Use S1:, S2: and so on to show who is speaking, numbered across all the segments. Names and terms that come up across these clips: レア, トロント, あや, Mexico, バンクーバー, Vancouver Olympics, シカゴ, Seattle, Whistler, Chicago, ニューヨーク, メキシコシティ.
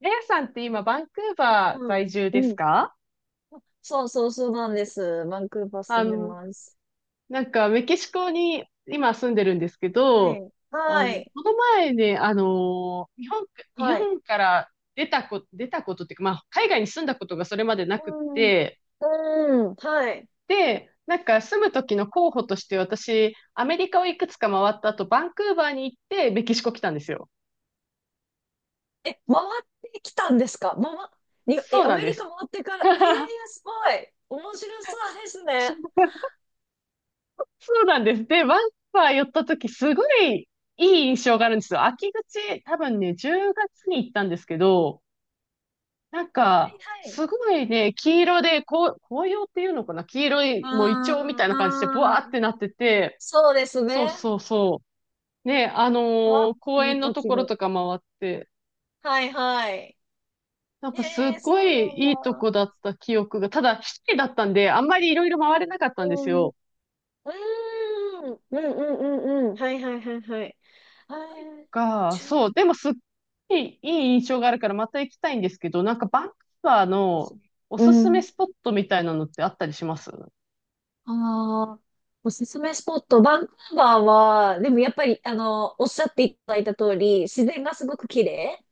S1: レアさんって今、バンクーバー
S2: うん。
S1: 在住で
S2: う
S1: す
S2: ん。
S1: か？
S2: そうそうそうなんです。バンクーバー
S1: あ
S2: 住んで
S1: の、
S2: ます。
S1: なんか、メキシコに今住んでるんですけ
S2: は
S1: ど、
S2: い。はい。
S1: この前ね、日本、日
S2: はい。
S1: 本から出たことっていうか、まあ、海外に住んだことがそれまでなくっ
S2: うん。
S1: て、
S2: うん。はい。
S1: で、なんか住む時の候補として私、アメリカをいくつか回った後、バンクーバーに行って、メキシコ来たんですよ。
S2: え、回ってきたんですか？回っ、に、
S1: そ
S2: え、
S1: う
S2: ア
S1: なん
S2: メ
S1: で
S2: リカ
S1: す。
S2: 回ってから、すごい。面白そうですね。
S1: そうなんです。で、ワンパー寄った時、すごいいい印象
S2: う
S1: があるんで
S2: ん、
S1: すよ。秋口、多分ね、10月に行ったんですけど、なん
S2: はい
S1: か、
S2: はい。
S1: すごいね、黄色で、こう、紅葉っていうのかな、黄色い、もうイチ
S2: あ
S1: ョウみたい
S2: ー、
S1: な感じで、ブワー
S2: う
S1: って
S2: ん。
S1: なってて、
S2: そうですね。
S1: そうそうそう。ね、あの
S2: わ、
S1: ー公
S2: い
S1: 園
S2: い
S1: のと
S2: 時
S1: ころ
S2: に。
S1: とか回って、
S2: はいはい。
S1: なん
S2: え
S1: かすっ
S2: ー、
S1: ご
S2: そう
S1: い
S2: なん
S1: いいと
S2: だ。
S1: こだった記憶が、ただ、一人だったんで、あんまりいろいろ回れなかったんです
S2: うん。
S1: よ。
S2: うーん、うんうんうんうん。はいはいはいはい。あー、じゅう
S1: そ
S2: が
S1: う、でもすっごいいい印象があるからまた行きたいんですけど、なんかバンクー
S2: つな
S1: バ
S2: ん
S1: ー
S2: です
S1: の
S2: ね。
S1: お
S2: う
S1: すすめ
S2: ん。
S1: スポットみたいなのってあったりします？うん、
S2: ああ、おすすめスポット、バンクーバーは、でもやっぱり、おっしゃっていただいた通り、自然がすごく綺麗。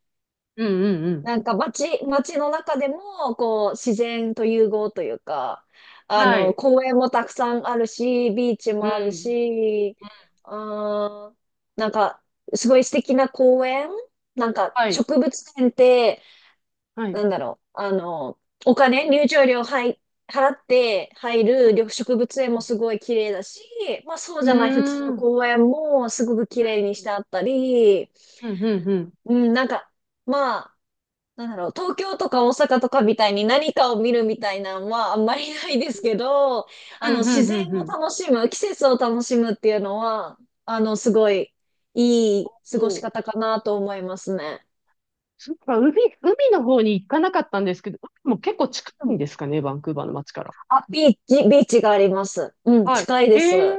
S1: うん、うん。
S2: なんか街の中でも、こう、自然と融合というか、
S1: はい。
S2: 公園もたくさんあるし、ビーチ
S1: う
S2: もある
S1: ん。
S2: し、あー、なんか、すごい素敵な公園、なんか、
S1: はい。
S2: 植物園って、
S1: は
S2: な
S1: い。
S2: んだろう、お金、入場料、はい、払って入る緑植物園もすごい綺麗だし、まあそう
S1: う
S2: じゃない普通
S1: ん。
S2: の
S1: うーん。
S2: 公園もすごく綺麗にしてあったり、
S1: うん、うん、うん。
S2: うん、なんか、まあ、なんだろう、東京とか大阪とかみたいに何かを見るみたいなのはあんまりないですけど、
S1: うん、う
S2: 自
S1: ん、う
S2: 然
S1: ん、う
S2: を
S1: ん。
S2: 楽しむ、季節を楽しむっていうのは、すごいい
S1: お
S2: い過ごし
S1: ー、
S2: 方かなと思いますね。
S1: そっか。海の方に行かなかったんですけど、海も結構近
S2: う
S1: い
S2: ん、
S1: んですかね、バンクーバーの街から。
S2: あ、ビーチがあります。うん、
S1: はい。
S2: 近いです。
S1: へえ、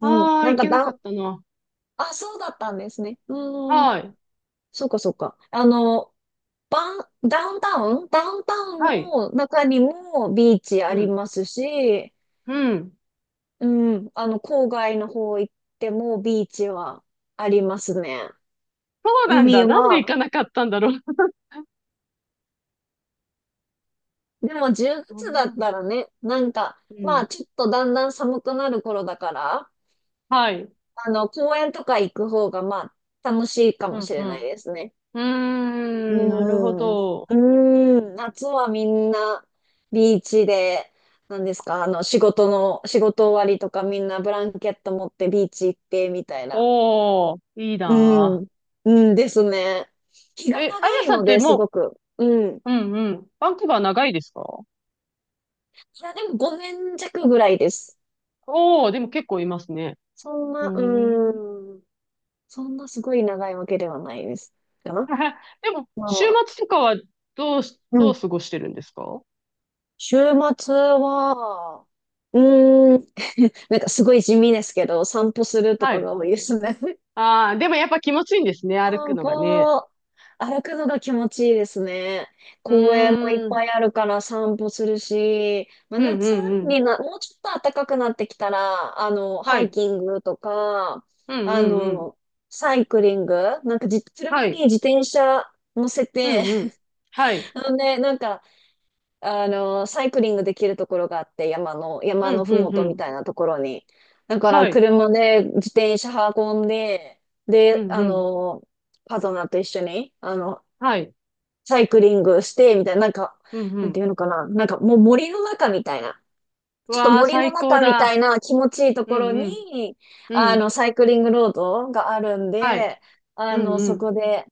S2: うん、
S1: ああ、
S2: なん
S1: 行
S2: か
S1: けな
S2: だ
S1: か
S2: ん
S1: ったな。
S2: あ、そうだったんですね。うーん、
S1: はい。
S2: そうかそうか。ダウンタウン
S1: はい。
S2: の中にもビーチあ
S1: う
S2: り
S1: ん。
S2: ますし、
S1: うん。
S2: うん、郊外の方行ってもビーチはありますね。
S1: そうなん
S2: 海
S1: だ。なんで行
S2: は、
S1: かなかったんだろう。
S2: でも10
S1: う
S2: 月だっ
S1: ん。
S2: たらね、なんか、
S1: う
S2: ま
S1: ん。
S2: あちょっとだんだん寒くなる頃だから、
S1: はい。
S2: 公園とか行く方がまあ楽しいか
S1: う
S2: も
S1: ん、
S2: し
S1: う
S2: れない
S1: ん。
S2: ですね。
S1: うー
S2: う
S1: ん、なるほ
S2: ーん。う
S1: ど。
S2: ーん。夏はみんなビーチで、なんですか、仕事の、仕事終わりとかみんなブランケット持ってビーチ行ってみたいな、
S1: おー、いい
S2: う
S1: な
S2: ん。うんですね。気
S1: ぁ。
S2: が
S1: え、あ
S2: 長
S1: や
S2: い
S1: さんっ
S2: の
S1: て
S2: で、す
S1: も
S2: ごく。うん。い
S1: う、うん、うん。バンクーバー長いですか？
S2: や、でも5年弱ぐらいです。
S1: おー、でも結構いますね。
S2: そん
S1: う
S2: な、
S1: ーん。
S2: うん。そんなすごい長いわけではないです。かな。
S1: でも、
S2: ま
S1: 週
S2: あ、
S1: 末とかは
S2: う
S1: どう
S2: ん。
S1: 過ごしてるんですか？
S2: 週末は、うーん、なんかすごい地味ですけど、散歩すると
S1: は
S2: か
S1: い。
S2: が多いですね。
S1: ああ、でもやっぱ気持ちいいんですね、歩く
S2: 散
S1: のがね。
S2: 歩、歩くのが気持ちいいですね。
S1: う
S2: 公園もいっ
S1: ーん。
S2: ぱいあるから散歩するし、まあ、
S1: うん、う
S2: 夏
S1: ん、うん。
S2: にな、もうちょっと暖かくなってきたら、
S1: は
S2: ハイ
S1: い。
S2: キングとか、
S1: うん、う
S2: あ
S1: ん、うん。
S2: の、サイクリング、なんかじ、
S1: は
S2: 車
S1: い。
S2: に自転車乗せ
S1: う
S2: て、
S1: ん、うん。は い。
S2: あのね、なんかサイクリングできるところがあって、山の、山
S1: うん、
S2: のふ
S1: う
S2: も
S1: ん、う
S2: とみ
S1: ん。
S2: たいなところに。だから、
S1: はい。
S2: 車で自転車運んで、
S1: う
S2: で、
S1: ん、うん。
S2: パートナーと一緒に、
S1: はい。
S2: サイクリングして、みたいな、なんか、
S1: うん、う
S2: なん
S1: ん。
S2: ていうのかな、なんかもう森の中みたいな、
S1: う
S2: ちょっと
S1: わあ、
S2: 森の
S1: 最高
S2: 中み
S1: だ。
S2: たいな気持ちいいと
S1: う
S2: こ
S1: ん、
S2: ろ
S1: うん。
S2: に、
S1: うん。
S2: サイクリングロードがあるん
S1: はい。
S2: で、
S1: うん、う
S2: そ
S1: ん。
S2: こで、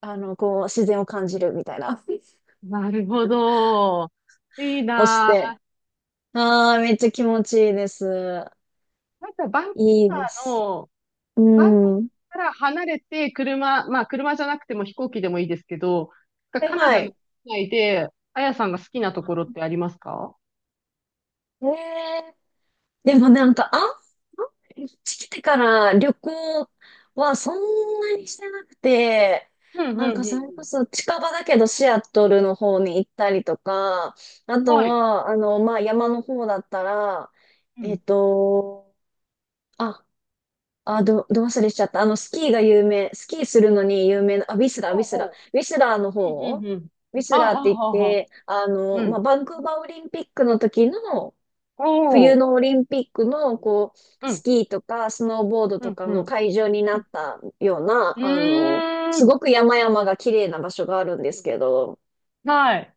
S2: こう、自然を感じるみたいな、
S1: なるほど。いい
S2: をし
S1: な
S2: て、
S1: あ。
S2: ああ、めっちゃ気持ちいいです。
S1: なんか、
S2: いい
S1: バ
S2: で
S1: ー
S2: す。
S1: の、
S2: う
S1: バンクーバ
S2: ん。
S1: ーから離れて、まあ、車じゃなくても飛行機でもいいですけど、が
S2: はい
S1: カナ
S2: は
S1: ダの
S2: い。
S1: 国内で、あやさんが好きなところってありますか？
S2: ええ、でもなんか、こっち来てから旅行はそんなにしてなくて、
S1: うん、うん、
S2: なん
S1: うん。
S2: か
S1: うん。
S2: それこそ近場だけどシアトルの方に行ったりとか、あと
S1: はい。
S2: は、まあ、山の方だったら、
S1: う
S2: えっ
S1: ん。
S2: と、あ、ど忘れしちゃった。スキーが有名、スキーするのに有名な、あ、ウィスラー、ウ
S1: ほ
S2: ィ
S1: う
S2: スラー。
S1: ほ
S2: ウィスラーの
S1: う。うん、う
S2: 方、
S1: ん、うん。
S2: ウィス
S1: あ、は
S2: ラーって
S1: あ、
S2: 言っ
S1: はあ、はあ。
S2: て、
S1: う
S2: まあ、
S1: ん。
S2: バンクーバーオリンピックの時の、
S1: お
S2: 冬
S1: ー。
S2: のオリンピックの、こう、
S1: う
S2: ス
S1: ん。
S2: キーとか、スノーボード
S1: う
S2: と
S1: ん、
S2: か
S1: う
S2: の
S1: ん。
S2: 会場になったような、
S1: うー
S2: す
S1: ん。
S2: ごく山々が綺麗な場所があるんですけど、
S1: はい。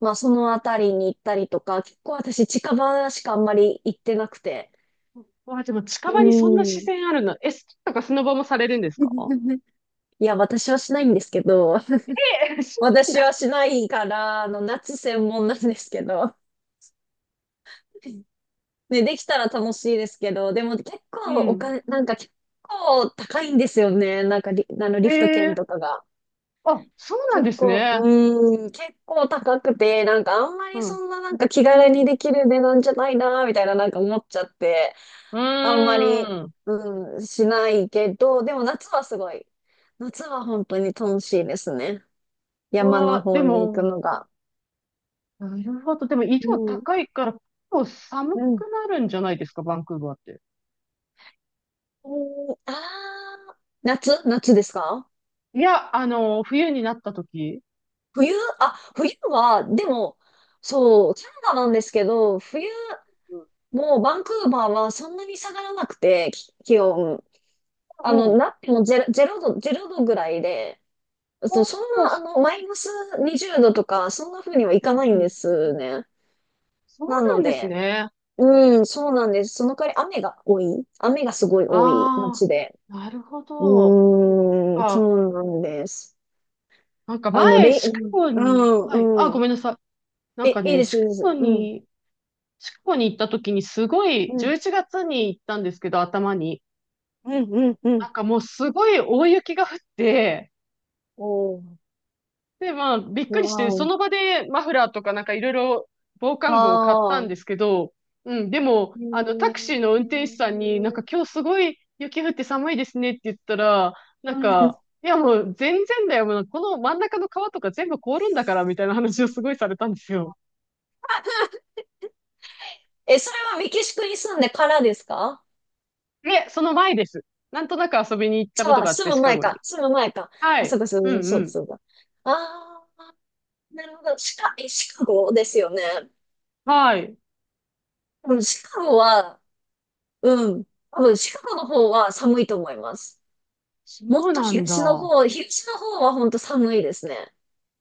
S2: まあ、そのあたりに行ったりとか、結構私近場しかあんまり行ってなくて、
S1: わあ、でも近
S2: う
S1: 場にそんな自
S2: ん。
S1: 然あるの。え、スキーとかスノボもされるんですか？
S2: いや、私はしないんですけど、
S1: え、し、
S2: 私は
S1: だ。
S2: しないから、夏専門なんですけど。ね、できたら楽しいですけど、でも結
S1: う
S2: 構お
S1: ん。
S2: 金、なんか結構高いんですよね。なんかリ、あのリ
S1: え
S2: フト券
S1: え、
S2: とかが。
S1: あ、そうなん
S2: 結
S1: です
S2: 構、
S1: ね。
S2: うーん、結構高くて、なんかあんま
S1: う
S2: りそ
S1: ん。
S2: んななんか気
S1: う
S2: 軽に
S1: ん、
S2: できる値段じゃないな、みたいななんか思っちゃって、
S1: う
S2: あんまり、
S1: ーん。
S2: うん、しないけど、でも夏はすごい。夏は本当に楽しいですね。山
S1: わ
S2: の
S1: あ、で
S2: 方に行く
S1: も、
S2: のが。
S1: なるほど。でも、緯
S2: う
S1: 度
S2: ん。
S1: 高いから、結構寒く
S2: うん
S1: なるんじゃないですか、バンクーバーって。
S2: うん、ああ、夏ですか？
S1: いや、冬になった時。
S2: 冬、あ、冬は、でも、そう、キャナダなんですけど、冬、
S1: うん。
S2: もうバンクーバーはそんなに下がらなくて、気温。
S1: おう、
S2: なってもゼロ度ぐらいで、
S1: お
S2: そう
S1: う、
S2: そん
S1: そう、
S2: な、マイナス20度とか、そんな風にはいかない
S1: う
S2: んで
S1: ん。
S2: すね。
S1: そ
S2: な
S1: うなん
S2: の
S1: です
S2: で、
S1: ね。
S2: うん、そうなんです。その代わり雨が多い。雨がすごい多い
S1: あ
S2: 街で。
S1: あ、なるほ
S2: う
S1: ど。
S2: ーん、そ
S1: か、
S2: うなんです。
S1: なんか
S2: あの、
S1: 前、
S2: レイ、
S1: シカ
S2: うん、
S1: ゴに、はい、あ、ご
S2: うん。
S1: めんなさい。なん
S2: え、
S1: か
S2: いい
S1: ね、
S2: です、いいです。うん、
S1: シカゴに行った時にすごい、
S2: うん、
S1: 11月に行ったんですけど、頭に。
S2: うん、うん、うん。
S1: なんかもうすごい大雪が降って、
S2: おー、
S1: で、まあ、びっく
S2: わ
S1: りして、そ
S2: ー
S1: の場でマフラーとかなんかいろいろ防
S2: お。
S1: 寒具を買った
S2: あ
S1: ん
S2: あ、
S1: ですけど、うん、でも、
S2: へ
S1: タクシーの運転手さんになんか
S2: ー、
S1: 今日すごい雪降って寒いですねって言ったら、な
S2: う
S1: ん
S2: ん。
S1: か、いやもう全然だよ、もうこの真ん中の川とか全部凍るんだからみたいな話をすごいされたんですよ。
S2: え、それはメキシコに住んでからですか？
S1: で、その前です。なんとなく遊びに行った
S2: じ
S1: こと
S2: ゃあ、
S1: があっ
S2: 住
S1: て、シ
S2: む
S1: カ
S2: 前
S1: ゴ
S2: か、
S1: に。
S2: 住む前か。
S1: は
S2: あ、そう
S1: い。
S2: か、そ
S1: う
S2: うか、
S1: ん、
S2: そ
S1: う
S2: うか、
S1: ん。
S2: そうか。ああ、なるほど。シカゴですよね？
S1: はい。
S2: うん、シカゴは、うん、多分シカゴの方は寒いと思います。も
S1: そ
S2: っ
S1: う
S2: と
S1: なん
S2: 東の
S1: だ。
S2: 方、東の方は本当寒いですね。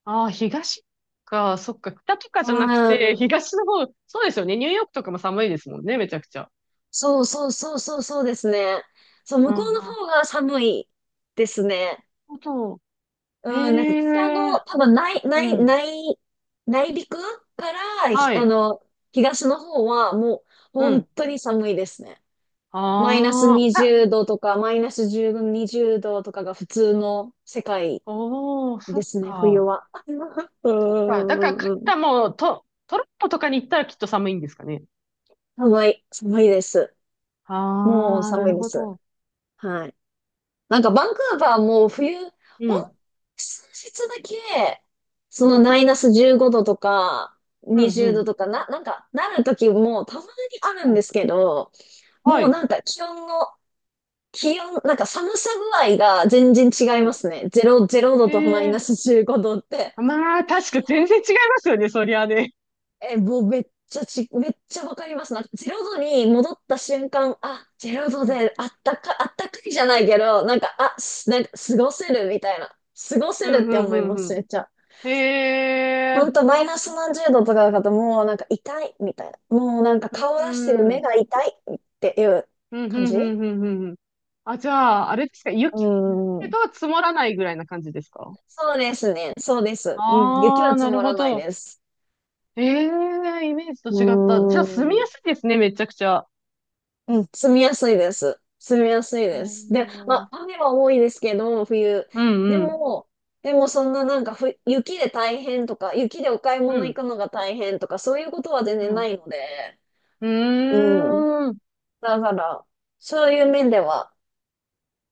S1: ああ、東か、そっか、北とか
S2: う
S1: じゃなくて、
S2: ん。
S1: 東の方、そうですよね。ニューヨークとかも寒いですもんね、めちゃくちゃ。
S2: そうそうそうそうそうですね。そう、
S1: う
S2: 向
S1: ん、う
S2: こ
S1: ん。
S2: うの
S1: な
S2: 方
S1: る
S2: が寒いですね。
S1: ほど。へ
S2: うん、なんか北
S1: え、
S2: の、多分
S1: うん。
S2: 内陸から、
S1: はい。
S2: 東の方はもう
S1: う
S2: 本
S1: ん。
S2: 当に寒いですね。マイナス
S1: ああ、あ、
S2: 20度とか、マイナス10度、20度とかが普通の世界
S1: おー、そ
S2: で
S1: っ
S2: すね、冬
S1: か。
S2: は。うんう
S1: そっか。だから、
S2: ん
S1: カナ
S2: うんうん。
S1: ダも、トロントとかに行ったらきっと寒いんですかね。
S2: 寒い、寒いです。
S1: あ
S2: もう
S1: あ、な
S2: 寒
S1: る
S2: いで
S1: ほ
S2: す。
S1: ど。
S2: はい。なんかバンクーバーも冬、
S1: う
S2: ほん、
S1: ん、
S2: 数日だけ、そ
S1: う
S2: の
S1: ん、
S2: マイナス15度とか、
S1: うん、う
S2: 20度
S1: ん。
S2: とかな、なんかなる時もたまにあるん
S1: は
S2: で
S1: い。
S2: すけど、
S1: は
S2: もう
S1: い。
S2: なんか気温、なんか寒さ具合が全然
S1: う
S2: 違いま
S1: ん。
S2: すね。0、ゼロ
S1: へ
S2: 度とマイナ
S1: え。
S2: ス15度って。
S1: まあ、確か全然違いますよね、そりゃね。
S2: え、もうめっちゃわかりますな。ゼロ度に戻った瞬間、あ、ゼロ
S1: う
S2: 度
S1: ん、
S2: であったかいじゃないけど、なんか、あ、なんか過ごせるみたいな。過ご
S1: う
S2: せるっ
S1: ん、う
S2: て
S1: ん、
S2: 思いま
S1: うん。う
S2: す、
S1: ん。
S2: めっちゃ。
S1: へえ、
S2: ほんと、マイナ
S1: そ
S2: ス
S1: う。
S2: 何十度とかだと、もうなんか痛いみたいな。もうなんか顔
S1: う
S2: 出してる
S1: ん、うん、
S2: 目が痛いっていう
S1: うん、う
S2: 感
S1: ん、
S2: じ。
S1: うん、うん。あ、じゃあ、あれですか、
S2: う
S1: 雪
S2: ーん。
S1: が積もらないぐらいな感じですか？
S2: そうですね。そうです。うん。雪
S1: あ
S2: は
S1: あ、な
S2: 積
S1: る
S2: も
S1: ほ
S2: らない
S1: ど。
S2: です。
S1: ええ、イメージと
S2: う
S1: 違った。じゃあ、住み
S2: ー
S1: や
S2: ん。
S1: すいですね、めちゃくちゃ。
S2: うん、住みやすいです。住みやすい
S1: う
S2: です。で、ま
S1: ん、うん、
S2: あ、雨は多いですけど、冬。
S1: う
S2: で
S1: ん、
S2: も、でもそんななんかふ、雪で大変とか、雪でお買い
S1: う
S2: 物行
S1: ん。
S2: くのが大変とか、そういうことは全
S1: う
S2: 然な
S1: ん、
S2: いので、
S1: う
S2: うん。
S1: ーん。
S2: だから、そういう面では、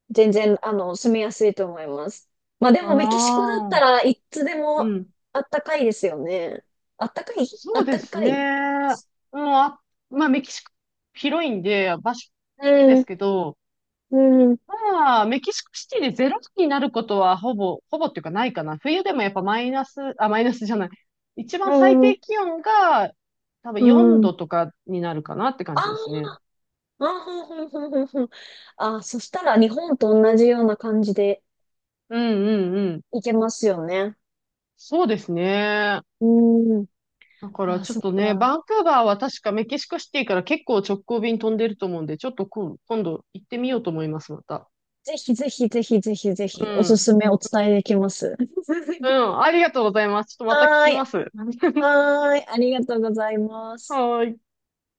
S2: 全然、住みやすいと思います。まあでも、メキシコだっ
S1: ああ、
S2: たらいつで
S1: う
S2: も
S1: ん。
S2: あったかいですよね。あったかい、あ
S1: そう
S2: っ
S1: で
S2: た
S1: す
S2: かい。
S1: ね。もう、あ、まあ、メキシコ広いんで、場所で
S2: うん、
S1: すけど、
S2: うん、
S1: まあ、メキシコシティでゼロ度になることはほぼ、ほぼっていうか、ないかな。冬でもやっぱマイナス、あ、マイナスじゃない。一番最
S2: うん、
S1: 低気温が多分
S2: う
S1: 4
S2: ん。
S1: 度とかになるかなって感じですね。
S2: ああー、ふんふんふんふんふん。あー、そしたら日本と同じような感じで
S1: うん、うん、うん。
S2: いけますよね。
S1: そうですね。
S2: うーん。
S1: だから
S2: あー、
S1: ちょっ
S2: そっ
S1: とね、
S2: か。
S1: バンクーバーは確かメキシコシティから結構直行便飛んでると思うんで、ちょっと今度行ってみようと思います、また。
S2: ぜひぜひぜひぜひぜ
S1: う
S2: ひ、おす
S1: ん。
S2: すめお伝えできます。
S1: う ん、ありがとうございます。ちょっとまた聞
S2: はー
S1: き
S2: い。
S1: ます。
S2: はーい。ありがとうございます。
S1: はーい。